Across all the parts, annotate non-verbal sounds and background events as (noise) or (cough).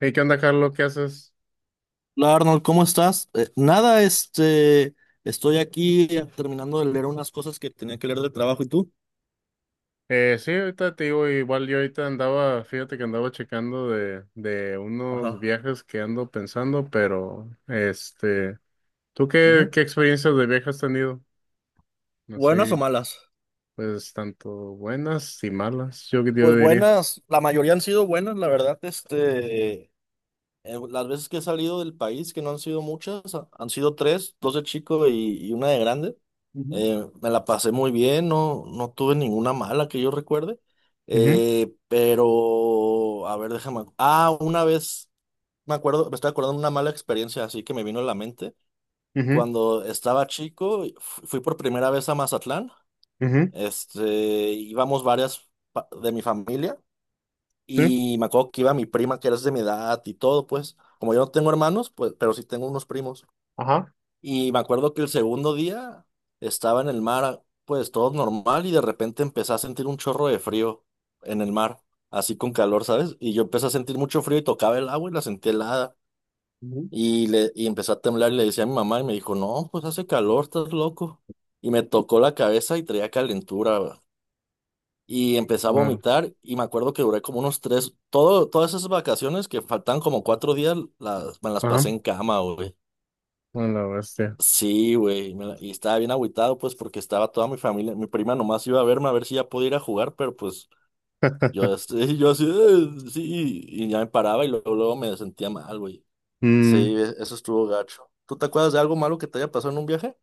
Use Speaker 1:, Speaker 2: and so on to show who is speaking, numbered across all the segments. Speaker 1: Hey, ¿qué onda, Carlos? ¿Qué haces?
Speaker 2: Hola, Arnold, ¿cómo estás? Nada, este, estoy aquí, terminando de leer unas cosas que tenía que leer del trabajo, ¿y tú?
Speaker 1: Sí, ahorita te digo, igual yo ahorita andaba, fíjate que andaba checando de unos
Speaker 2: Ajá.
Speaker 1: viajes que ando pensando, pero este, ¿tú
Speaker 2: Ujú.
Speaker 1: qué experiencias de viaje has tenido?
Speaker 2: ¿Buenas o
Speaker 1: Así,
Speaker 2: malas?
Speaker 1: pues, tanto buenas y malas,
Speaker 2: Pues
Speaker 1: yo diría.
Speaker 2: buenas, la mayoría han sido buenas, la verdad. Este, las veces que he salido del país, que no han sido muchas, han sido tres, dos de chico y una de grande.
Speaker 1: Ujú,
Speaker 2: Me la pasé muy bien, no, no tuve ninguna mala que yo recuerde.
Speaker 1: ujú,
Speaker 2: Pero, a ver, déjame, ah, una vez. Me acuerdo, me estoy acordando de una mala experiencia así que me vino a la mente.
Speaker 1: ujú,
Speaker 2: Cuando estaba chico, fui por primera vez a Mazatlán.
Speaker 1: ujú,
Speaker 2: Este, íbamos varias de mi familia
Speaker 1: sí,
Speaker 2: y me acuerdo que iba mi prima, que era de mi edad y todo, pues. Como yo no tengo hermanos, pues, pero sí tengo unos primos.
Speaker 1: ajá,
Speaker 2: Y me acuerdo que el segundo día estaba en el mar, ah, pues todo normal, y de repente empecé a sentir un chorro de frío en el mar, así con calor, ¿sabes? Y yo empecé a sentir mucho frío y tocaba el agua y la sentí helada.
Speaker 1: ujú.
Speaker 2: Y empezó a temblar y le decía a mi mamá y me dijo, no, pues hace calor, estás loco. Y me tocó la cabeza y traía calentura. Va. Y empecé a
Speaker 1: Bueno,
Speaker 2: vomitar y me acuerdo que duré como unos todas esas vacaciones que faltan como 4 días, las, me las
Speaker 1: ajá,
Speaker 2: pasé en cama, güey.
Speaker 1: bueno, la bestia.
Speaker 2: Sí, güey, y estaba bien agüitado, pues, porque estaba toda mi familia, mi prima nomás iba a verme a ver si ya podía ir a jugar, pero pues yo,
Speaker 1: (laughs)
Speaker 2: este, (laughs) yo así, sí, y ya me paraba y luego, luego me sentía mal, güey. Sí,
Speaker 1: Mm,
Speaker 2: eso estuvo gacho. ¿Tú te acuerdas de algo malo que te haya pasado en un viaje?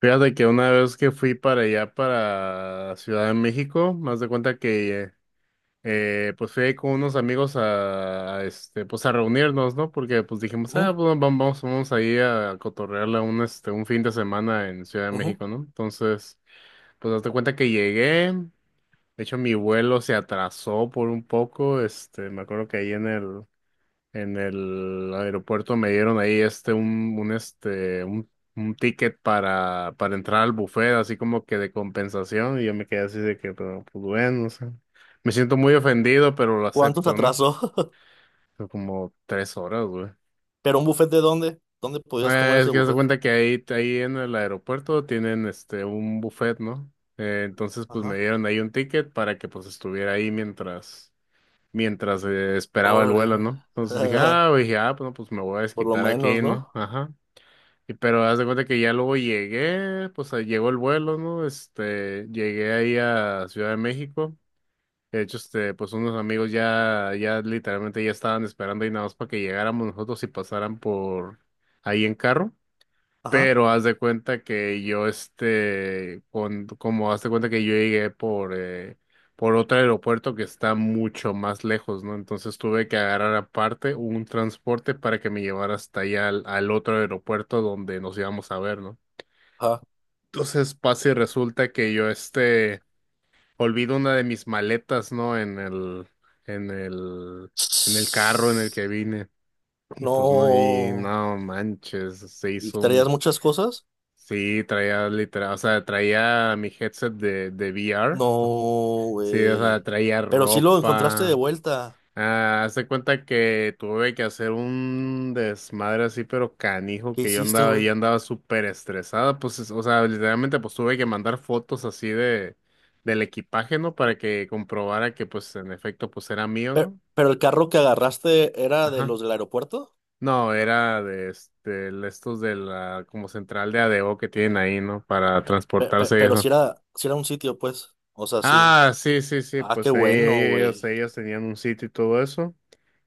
Speaker 1: fíjate que una vez que fui para allá, para Ciudad de México, más de cuenta que pues fui ahí con unos amigos este, pues a reunirnos, ¿no? Porque pues dijimos, ah,
Speaker 2: Ujú,
Speaker 1: pues vamos, vamos ahí a cotorrearla este, un fin de semana en Ciudad de
Speaker 2: ujú.
Speaker 1: México, ¿no? Entonces, pues hazte cuenta que llegué, de hecho mi vuelo se atrasó por un poco, este, me acuerdo que ahí en el aeropuerto me dieron ahí este un ticket para entrar al buffet, así como que de compensación, y yo me quedé así de que, pero, pues bueno, o sea, me siento muy ofendido, pero lo
Speaker 2: ¿Cuánto te
Speaker 1: acepto, ¿no?
Speaker 2: atrasó?
Speaker 1: Fue como tres horas, güey.
Speaker 2: (laughs) ¿Pero un buffet de dónde? ¿Dónde podías comer
Speaker 1: Es
Speaker 2: ese
Speaker 1: que se
Speaker 2: buffet?
Speaker 1: cuenta que ahí en el aeropuerto tienen este un buffet, ¿no? Entonces, pues me
Speaker 2: Ajá.
Speaker 1: dieron ahí un ticket para que pues estuviera ahí mientras, esperaba el vuelo,
Speaker 2: Órale.
Speaker 1: ¿no? Entonces dije,
Speaker 2: (laughs)
Speaker 1: ah, bueno, pues me voy a
Speaker 2: Por lo
Speaker 1: desquitar
Speaker 2: menos,
Speaker 1: aquí,
Speaker 2: ¿no?
Speaker 1: ¿no? Ajá. Y pero haz de cuenta que ya luego llegué, pues ahí llegó el vuelo, ¿no? Este, llegué ahí a Ciudad de México. De hecho, este, pues unos amigos ya literalmente ya estaban esperando ahí nada más para que llegáramos nosotros y pasaran por ahí en carro.
Speaker 2: Ajá.
Speaker 1: Pero haz de cuenta que yo, este, con, como haz de cuenta que yo llegué por otro aeropuerto que está mucho más lejos, ¿no? Entonces tuve que agarrar aparte un transporte para que me llevara hasta allá al otro aeropuerto donde nos íbamos a ver, ¿no?
Speaker 2: Ajá.
Speaker 1: Entonces pasa y resulta que yo, este, olvido una de mis maletas, ¿no? En el, en el carro en el
Speaker 2: (sniffs)
Speaker 1: que vine. Y pues no, y
Speaker 2: No.
Speaker 1: no manches, se
Speaker 2: ¿Y
Speaker 1: hizo
Speaker 2: traías
Speaker 1: un.
Speaker 2: muchas cosas?
Speaker 1: Sí, traía literal, o sea, traía mi headset de VR.
Speaker 2: No,
Speaker 1: Sí, o sea,
Speaker 2: güey.
Speaker 1: traía
Speaker 2: Pero sí lo encontraste de
Speaker 1: ropa.
Speaker 2: vuelta.
Speaker 1: Ah, haz de cuenta que tuve que hacer un desmadre así, pero canijo,
Speaker 2: ¿Qué
Speaker 1: que
Speaker 2: hiciste, güey?
Speaker 1: yo andaba súper estresada. Pues, es- o sea, literalmente, pues tuve que mandar fotos así de, del equipaje, ¿no? Para que comprobara que, pues, en efecto, pues era mío, ¿no?
Speaker 2: Pero el carro que agarraste era de
Speaker 1: Ajá.
Speaker 2: los del aeropuerto.
Speaker 1: No, era de este, el- estos de la como central de Adeo que tienen ahí, ¿no? Para transportarse y
Speaker 2: Pero, si
Speaker 1: eso.
Speaker 2: era, si era un sitio, pues. O sea, sí.
Speaker 1: Ah, sí, sí, sí,
Speaker 2: Ah, qué
Speaker 1: pues ahí- ahí
Speaker 2: bueno,
Speaker 1: ellos,
Speaker 2: güey.
Speaker 1: ellos tenían un sitio y todo eso.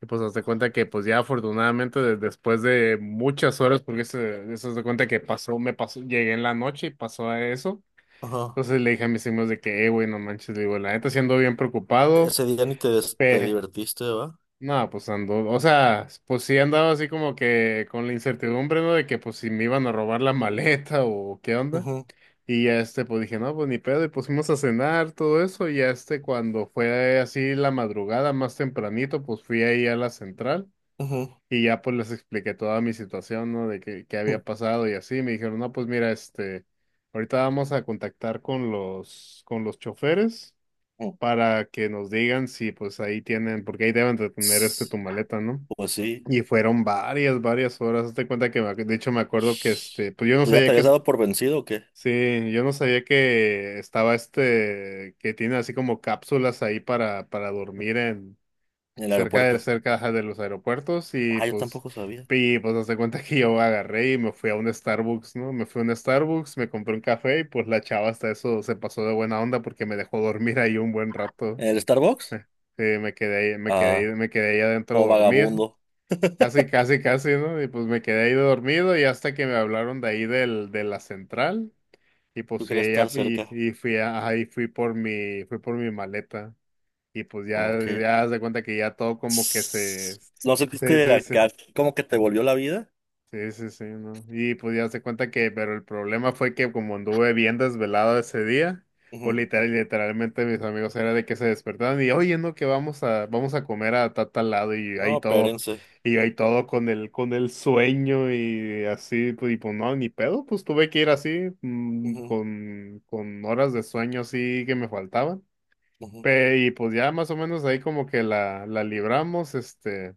Speaker 1: Y pues hazte cuenta que pues ya afortunadamente de- después de muchas horas, porque eso haz de cuenta que pasó, me pasó, llegué en la noche y pasó a eso.
Speaker 2: Ajá.
Speaker 1: Entonces le dije a mis amigos de que, güey, no manches, le digo, la neta siendo bien preocupado,
Speaker 2: Ese día ni te, te divertiste, ¿va?
Speaker 1: no, pues ando, o sea, pues sí andaba así como que con la incertidumbre, ¿no? De que pues si me iban a robar la maleta o qué onda.
Speaker 2: Ujú,
Speaker 1: Y ya este, pues dije, no, pues ni pedo, y pues fuimos a cenar, todo eso, y ya este, cuando fue así la madrugada, más tempranito, pues fui ahí a la central,
Speaker 2: ujú,
Speaker 1: y ya pues les expliqué toda mi situación, ¿no? De que, qué
Speaker 2: ujú,
Speaker 1: había pasado y así, me dijeron, no, pues mira, este, ahorita vamos a contactar con con los choferes,
Speaker 2: ujú.
Speaker 1: para que nos digan si pues ahí tienen, porque ahí deben de tener este tu maleta, ¿no?
Speaker 2: Pues sí.
Speaker 1: Y fueron varias horas. Hazte cuenta que me ac- de hecho me acuerdo que este, pues yo no
Speaker 2: ¿Tú ya te
Speaker 1: sabía que
Speaker 2: habías
Speaker 1: es-
Speaker 2: dado por vencido o qué?
Speaker 1: sí, yo no sabía que estaba este, que tiene así como cápsulas ahí para dormir en
Speaker 2: En el aeropuerto.
Speaker 1: cerca ajá, de los aeropuertos y
Speaker 2: Ah, yo
Speaker 1: pues,
Speaker 2: tampoco sabía.
Speaker 1: y pues hazte cuenta que yo agarré y me fui a un Starbucks, ¿no? Me fui a un Starbucks, me compré un café y pues la chava hasta eso se pasó de buena onda porque me dejó dormir ahí un buen rato.
Speaker 2: ¿En el Starbucks?
Speaker 1: Sí, me quedé ahí, me quedé
Speaker 2: Ah,
Speaker 1: ahí, me quedé ahí adentro
Speaker 2: como
Speaker 1: dormido.
Speaker 2: vagabundo.
Speaker 1: Casi, casi, casi, ¿no? Y pues me quedé ahí dormido y hasta que me hablaron de ahí de la central. Y pues
Speaker 2: Tú
Speaker 1: fui
Speaker 2: querías estar
Speaker 1: allá
Speaker 2: cerca.
Speaker 1: y ahí fui por mi maleta. Y pues ya,
Speaker 2: ¿O qué?
Speaker 1: ya haz de cuenta que ya todo como que
Speaker 2: Ss. ¿No sentiste
Speaker 1: se.
Speaker 2: acá como que te volvió la vida?
Speaker 1: Sí, sí, sí, ¿no? Y pues ya se cuenta que, pero el problema fue que como anduve bien desvelado ese día, pues
Speaker 2: Ujú.
Speaker 1: literal, literalmente mis amigos era de que se despertaban y, oye, no, que vamos a comer a tal lado
Speaker 2: No, espérense.
Speaker 1: y ahí todo con el sueño y así, pues, y pues no, ni pedo, pues tuve que ir así,
Speaker 2: Ujú,
Speaker 1: con horas de sueño así que me faltaban.
Speaker 2: ujú,
Speaker 1: Pe- y pues ya más o menos ahí como que la libramos, este.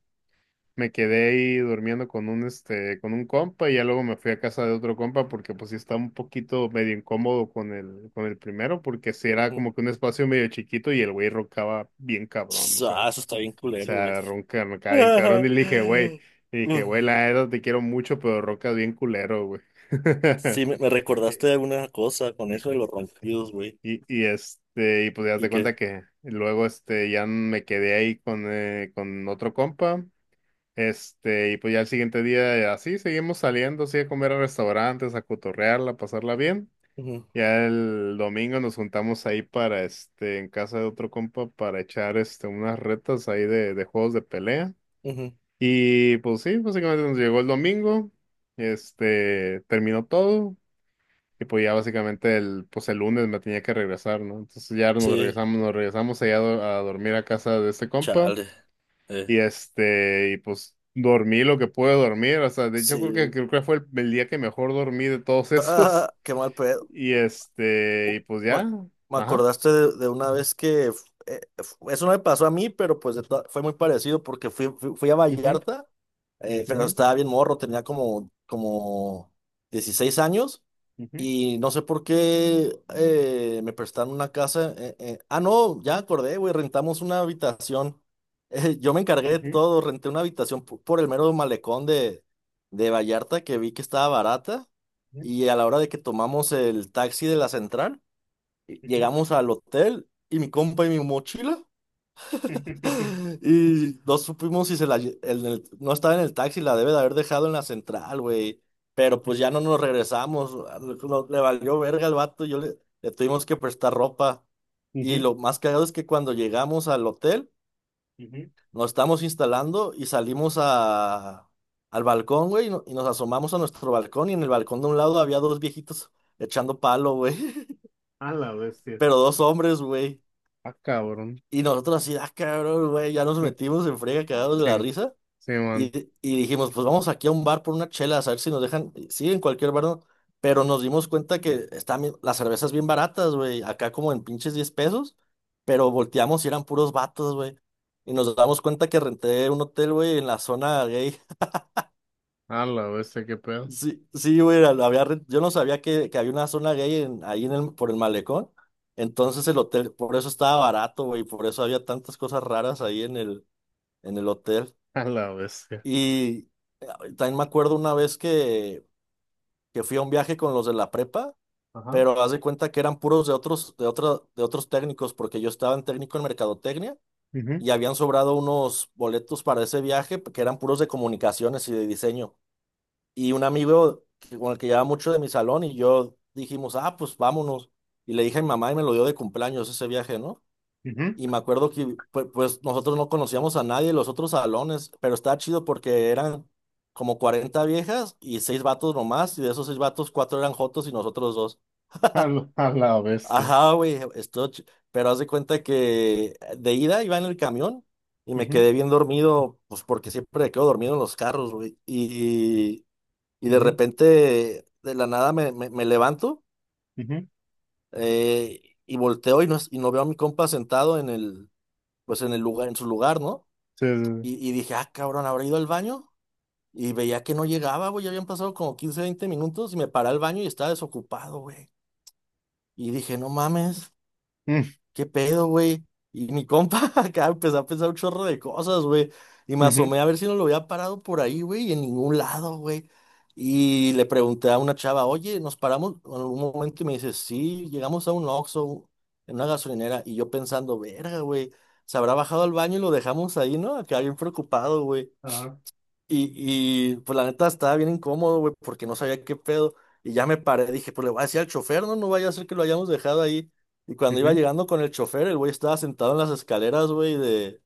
Speaker 1: Me quedé ahí durmiendo con un este, con un compa y ya luego me fui a casa de otro compa porque pues sí estaba un poquito medio incómodo con el primero, porque sí era
Speaker 2: ujú.
Speaker 1: como que un espacio medio chiquito y el güey roncaba bien cabrón,
Speaker 2: Ss, ah, eso está bien culero, güey.
Speaker 1: roncaba bien cabrón y le dije, güey,
Speaker 2: (laughs)
Speaker 1: la neta te quiero mucho, pero roncas bien culero, güey. (laughs)
Speaker 2: Sí, me
Speaker 1: Y,
Speaker 2: recordaste alguna cosa con
Speaker 1: y,
Speaker 2: eso de los ronquidos, güey.
Speaker 1: este, y pues ya
Speaker 2: ¿Y
Speaker 1: te cuenta
Speaker 2: qué?
Speaker 1: que luego este, ya me quedé ahí con otro compa. Este, y pues ya el siguiente día así seguimos saliendo, así a comer a restaurantes, a cotorrearla, a pasarla bien.
Speaker 2: Ujú,
Speaker 1: Ya el domingo nos juntamos ahí para este, en casa de otro compa para echar este unas retas ahí de juegos de pelea.
Speaker 2: ujú.
Speaker 1: Y pues sí, básicamente nos llegó el domingo, este, terminó todo. Y pues ya básicamente el, pues el lunes me tenía que regresar, ¿no? Entonces ya
Speaker 2: Sí,
Speaker 1: nos regresamos allá a dormir a casa de este compa.
Speaker 2: chale. Eh,
Speaker 1: Y este, y pues dormí lo que pude dormir. O sea, de hecho
Speaker 2: sí.
Speaker 1: creo que fue el día que mejor dormí de todos esos.
Speaker 2: Ah,
Speaker 1: (laughs)
Speaker 2: qué mal pedo.
Speaker 1: Y este,
Speaker 2: Uh,
Speaker 1: y pues
Speaker 2: Me,
Speaker 1: ya.
Speaker 2: me
Speaker 1: Ajá.
Speaker 2: acordaste de una vez que eso no me pasó a mí, pero pues fue muy parecido porque fui a
Speaker 1: Ujú,
Speaker 2: Vallarta, pero
Speaker 1: ujú,
Speaker 2: estaba bien morro, tenía como, como 16 años. Y no sé por qué me prestaron una casa. Ah, no, ya acordé, güey, rentamos una habitación. (laughs) Yo me encargué de
Speaker 1: ujú, ujú,
Speaker 2: todo, renté una habitación por el mero malecón de Vallarta que vi que estaba barata.
Speaker 1: ujú,
Speaker 2: Y a la hora de que tomamos el taxi de la central, llegamos al hotel y mi compa y mi mochila.
Speaker 1: ujú. (laughs)
Speaker 2: (gasps) Y no supimos si se la, no estaba en el taxi, la debe de haber dejado en la central, güey. Pero pues ya no nos regresamos. Valió verga al vato, yo le tuvimos que prestar ropa. Y
Speaker 1: Ujú,
Speaker 2: lo más cagado es que cuando llegamos al hotel,
Speaker 1: ujú.
Speaker 2: nos estamos instalando y salimos a, al balcón, güey, y, no- y nos asomamos a nuestro balcón. Y en el balcón de un lado había dos viejitos echando palo, güey. (laughs)
Speaker 1: A la bestia.
Speaker 2: Pero dos hombres, güey.
Speaker 1: Ah, cabrón.
Speaker 2: Y nosotros así, ah, cabrón, güey, ya nos
Speaker 1: No,
Speaker 2: metimos en frega, cagados de
Speaker 1: sí,
Speaker 2: la risa.
Speaker 1: sí, man.
Speaker 2: Y dijimos, pues vamos aquí a un bar por una chela, a ver si nos dejan, sí, en cualquier bar, ¿no? Pero nos dimos cuenta que las cervezas bien baratas, güey, acá como en pinches 10 pesos, pero volteamos y eran puros vatos, güey. Y nos damos cuenta que renté un hotel, güey, en la zona gay. (laughs)
Speaker 1: A la bestia, qué pedo.
Speaker 2: Sí, sí, güey, yo no sabía que había una zona gay ahí en el, por el malecón. Entonces el hotel, por eso estaba barato, güey, por eso había tantas cosas raras ahí en el hotel.
Speaker 1: (laughs) A la bestia.
Speaker 2: Y también me acuerdo una vez que fui a un viaje con los de la prepa,
Speaker 1: Ajá.
Speaker 2: pero haz de cuenta que eran puros de otros, de otros técnicos, porque yo estaba en técnico en mercadotecnia
Speaker 1: Ujú,
Speaker 2: y habían sobrado unos boletos para ese viaje que eran puros de comunicaciones y de diseño. Y un amigo con el que llevaba mucho de mi salón y yo dijimos, ah, pues vámonos. Y le dije a mi mamá y me lo dio de cumpleaños ese viaje, ¿no?
Speaker 1: ujú.
Speaker 2: Y me acuerdo que pues nosotros no conocíamos a nadie de los otros salones, pero estaba chido porque eran como 40 viejas y seis vatos nomás, y de esos seis vatos, cuatro eran jotos y nosotros dos.
Speaker 1: A la bestia.
Speaker 2: Ajá, güey, esto, pero haz de cuenta que de ida iba en el camión y me
Speaker 1: Ujú,
Speaker 2: quedé bien dormido, pues porque siempre me quedo dormido en los carros, güey. Y de
Speaker 1: ujú,
Speaker 2: repente, de la nada me levanto,
Speaker 1: ujú.
Speaker 2: y volteo y no, y no veo a mi compa sentado en el, pues en el lugar, en su lugar, ¿no?
Speaker 1: Sí, sí, sí.
Speaker 2: Y dije, ah, cabrón, ¿habrá ido al baño? Y veía que no llegaba, güey, ya habían pasado como 15 20 minutos y me paré al baño y estaba desocupado, güey. Y dije, no mames,
Speaker 1: (laughs)
Speaker 2: ¿qué pedo, güey? Y mi compa (laughs) acá empezó a pensar un chorro de cosas, güey. Y me
Speaker 1: Mm, ujú.
Speaker 2: asomé a ver si no lo había parado por ahí, güey, y en ningún lado, güey. Y le pregunté a una chava, oye, ¿nos paramos en algún momento? Y me dice, sí, llegamos a un Oxxo, en una gasolinera. Y yo pensando, verga, güey, se habrá bajado al baño y lo dejamos ahí, ¿no? Acá bien preocupado, güey.
Speaker 1: Ajá.
Speaker 2: Y pues la neta estaba bien incómodo, güey, porque no sabía qué pedo. Y ya me paré, dije, pues le voy a decir al chofer, no, no vaya a ser que lo hayamos dejado ahí. Y cuando iba
Speaker 1: Ujú.
Speaker 2: llegando con el chofer, el güey estaba sentado en las escaleras, güey, de,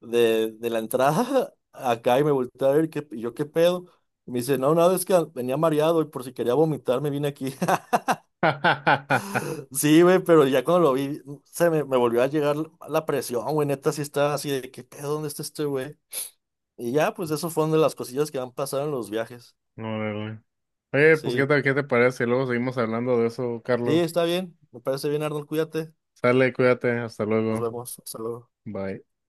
Speaker 2: de, de la entrada (laughs) acá y me volteé a ver, ¿qué, y yo qué pedo? Y me dice, no, nada, es que venía mareado y por si quería vomitar me vine aquí. (laughs)
Speaker 1: (laughs)
Speaker 2: Sí, güey, pero ya cuando lo vi, se me volvió a llegar la presión, güey, neta, sí estaba así de, ¿qué pedo? ¿Dónde está este güey? Y ya, pues eso fue una de las cosillas que han pasado en los viajes.
Speaker 1: Órale. Oye, pues ¿qué
Speaker 2: Sí.
Speaker 1: tal, qué te parece? Luego seguimos hablando de eso,
Speaker 2: Sí,
Speaker 1: Carlos.
Speaker 2: está bien. Me parece bien, Arnold. Cuídate.
Speaker 1: Sale, cuídate, hasta
Speaker 2: Nos
Speaker 1: luego.
Speaker 2: vemos. Hasta luego.
Speaker 1: Bye.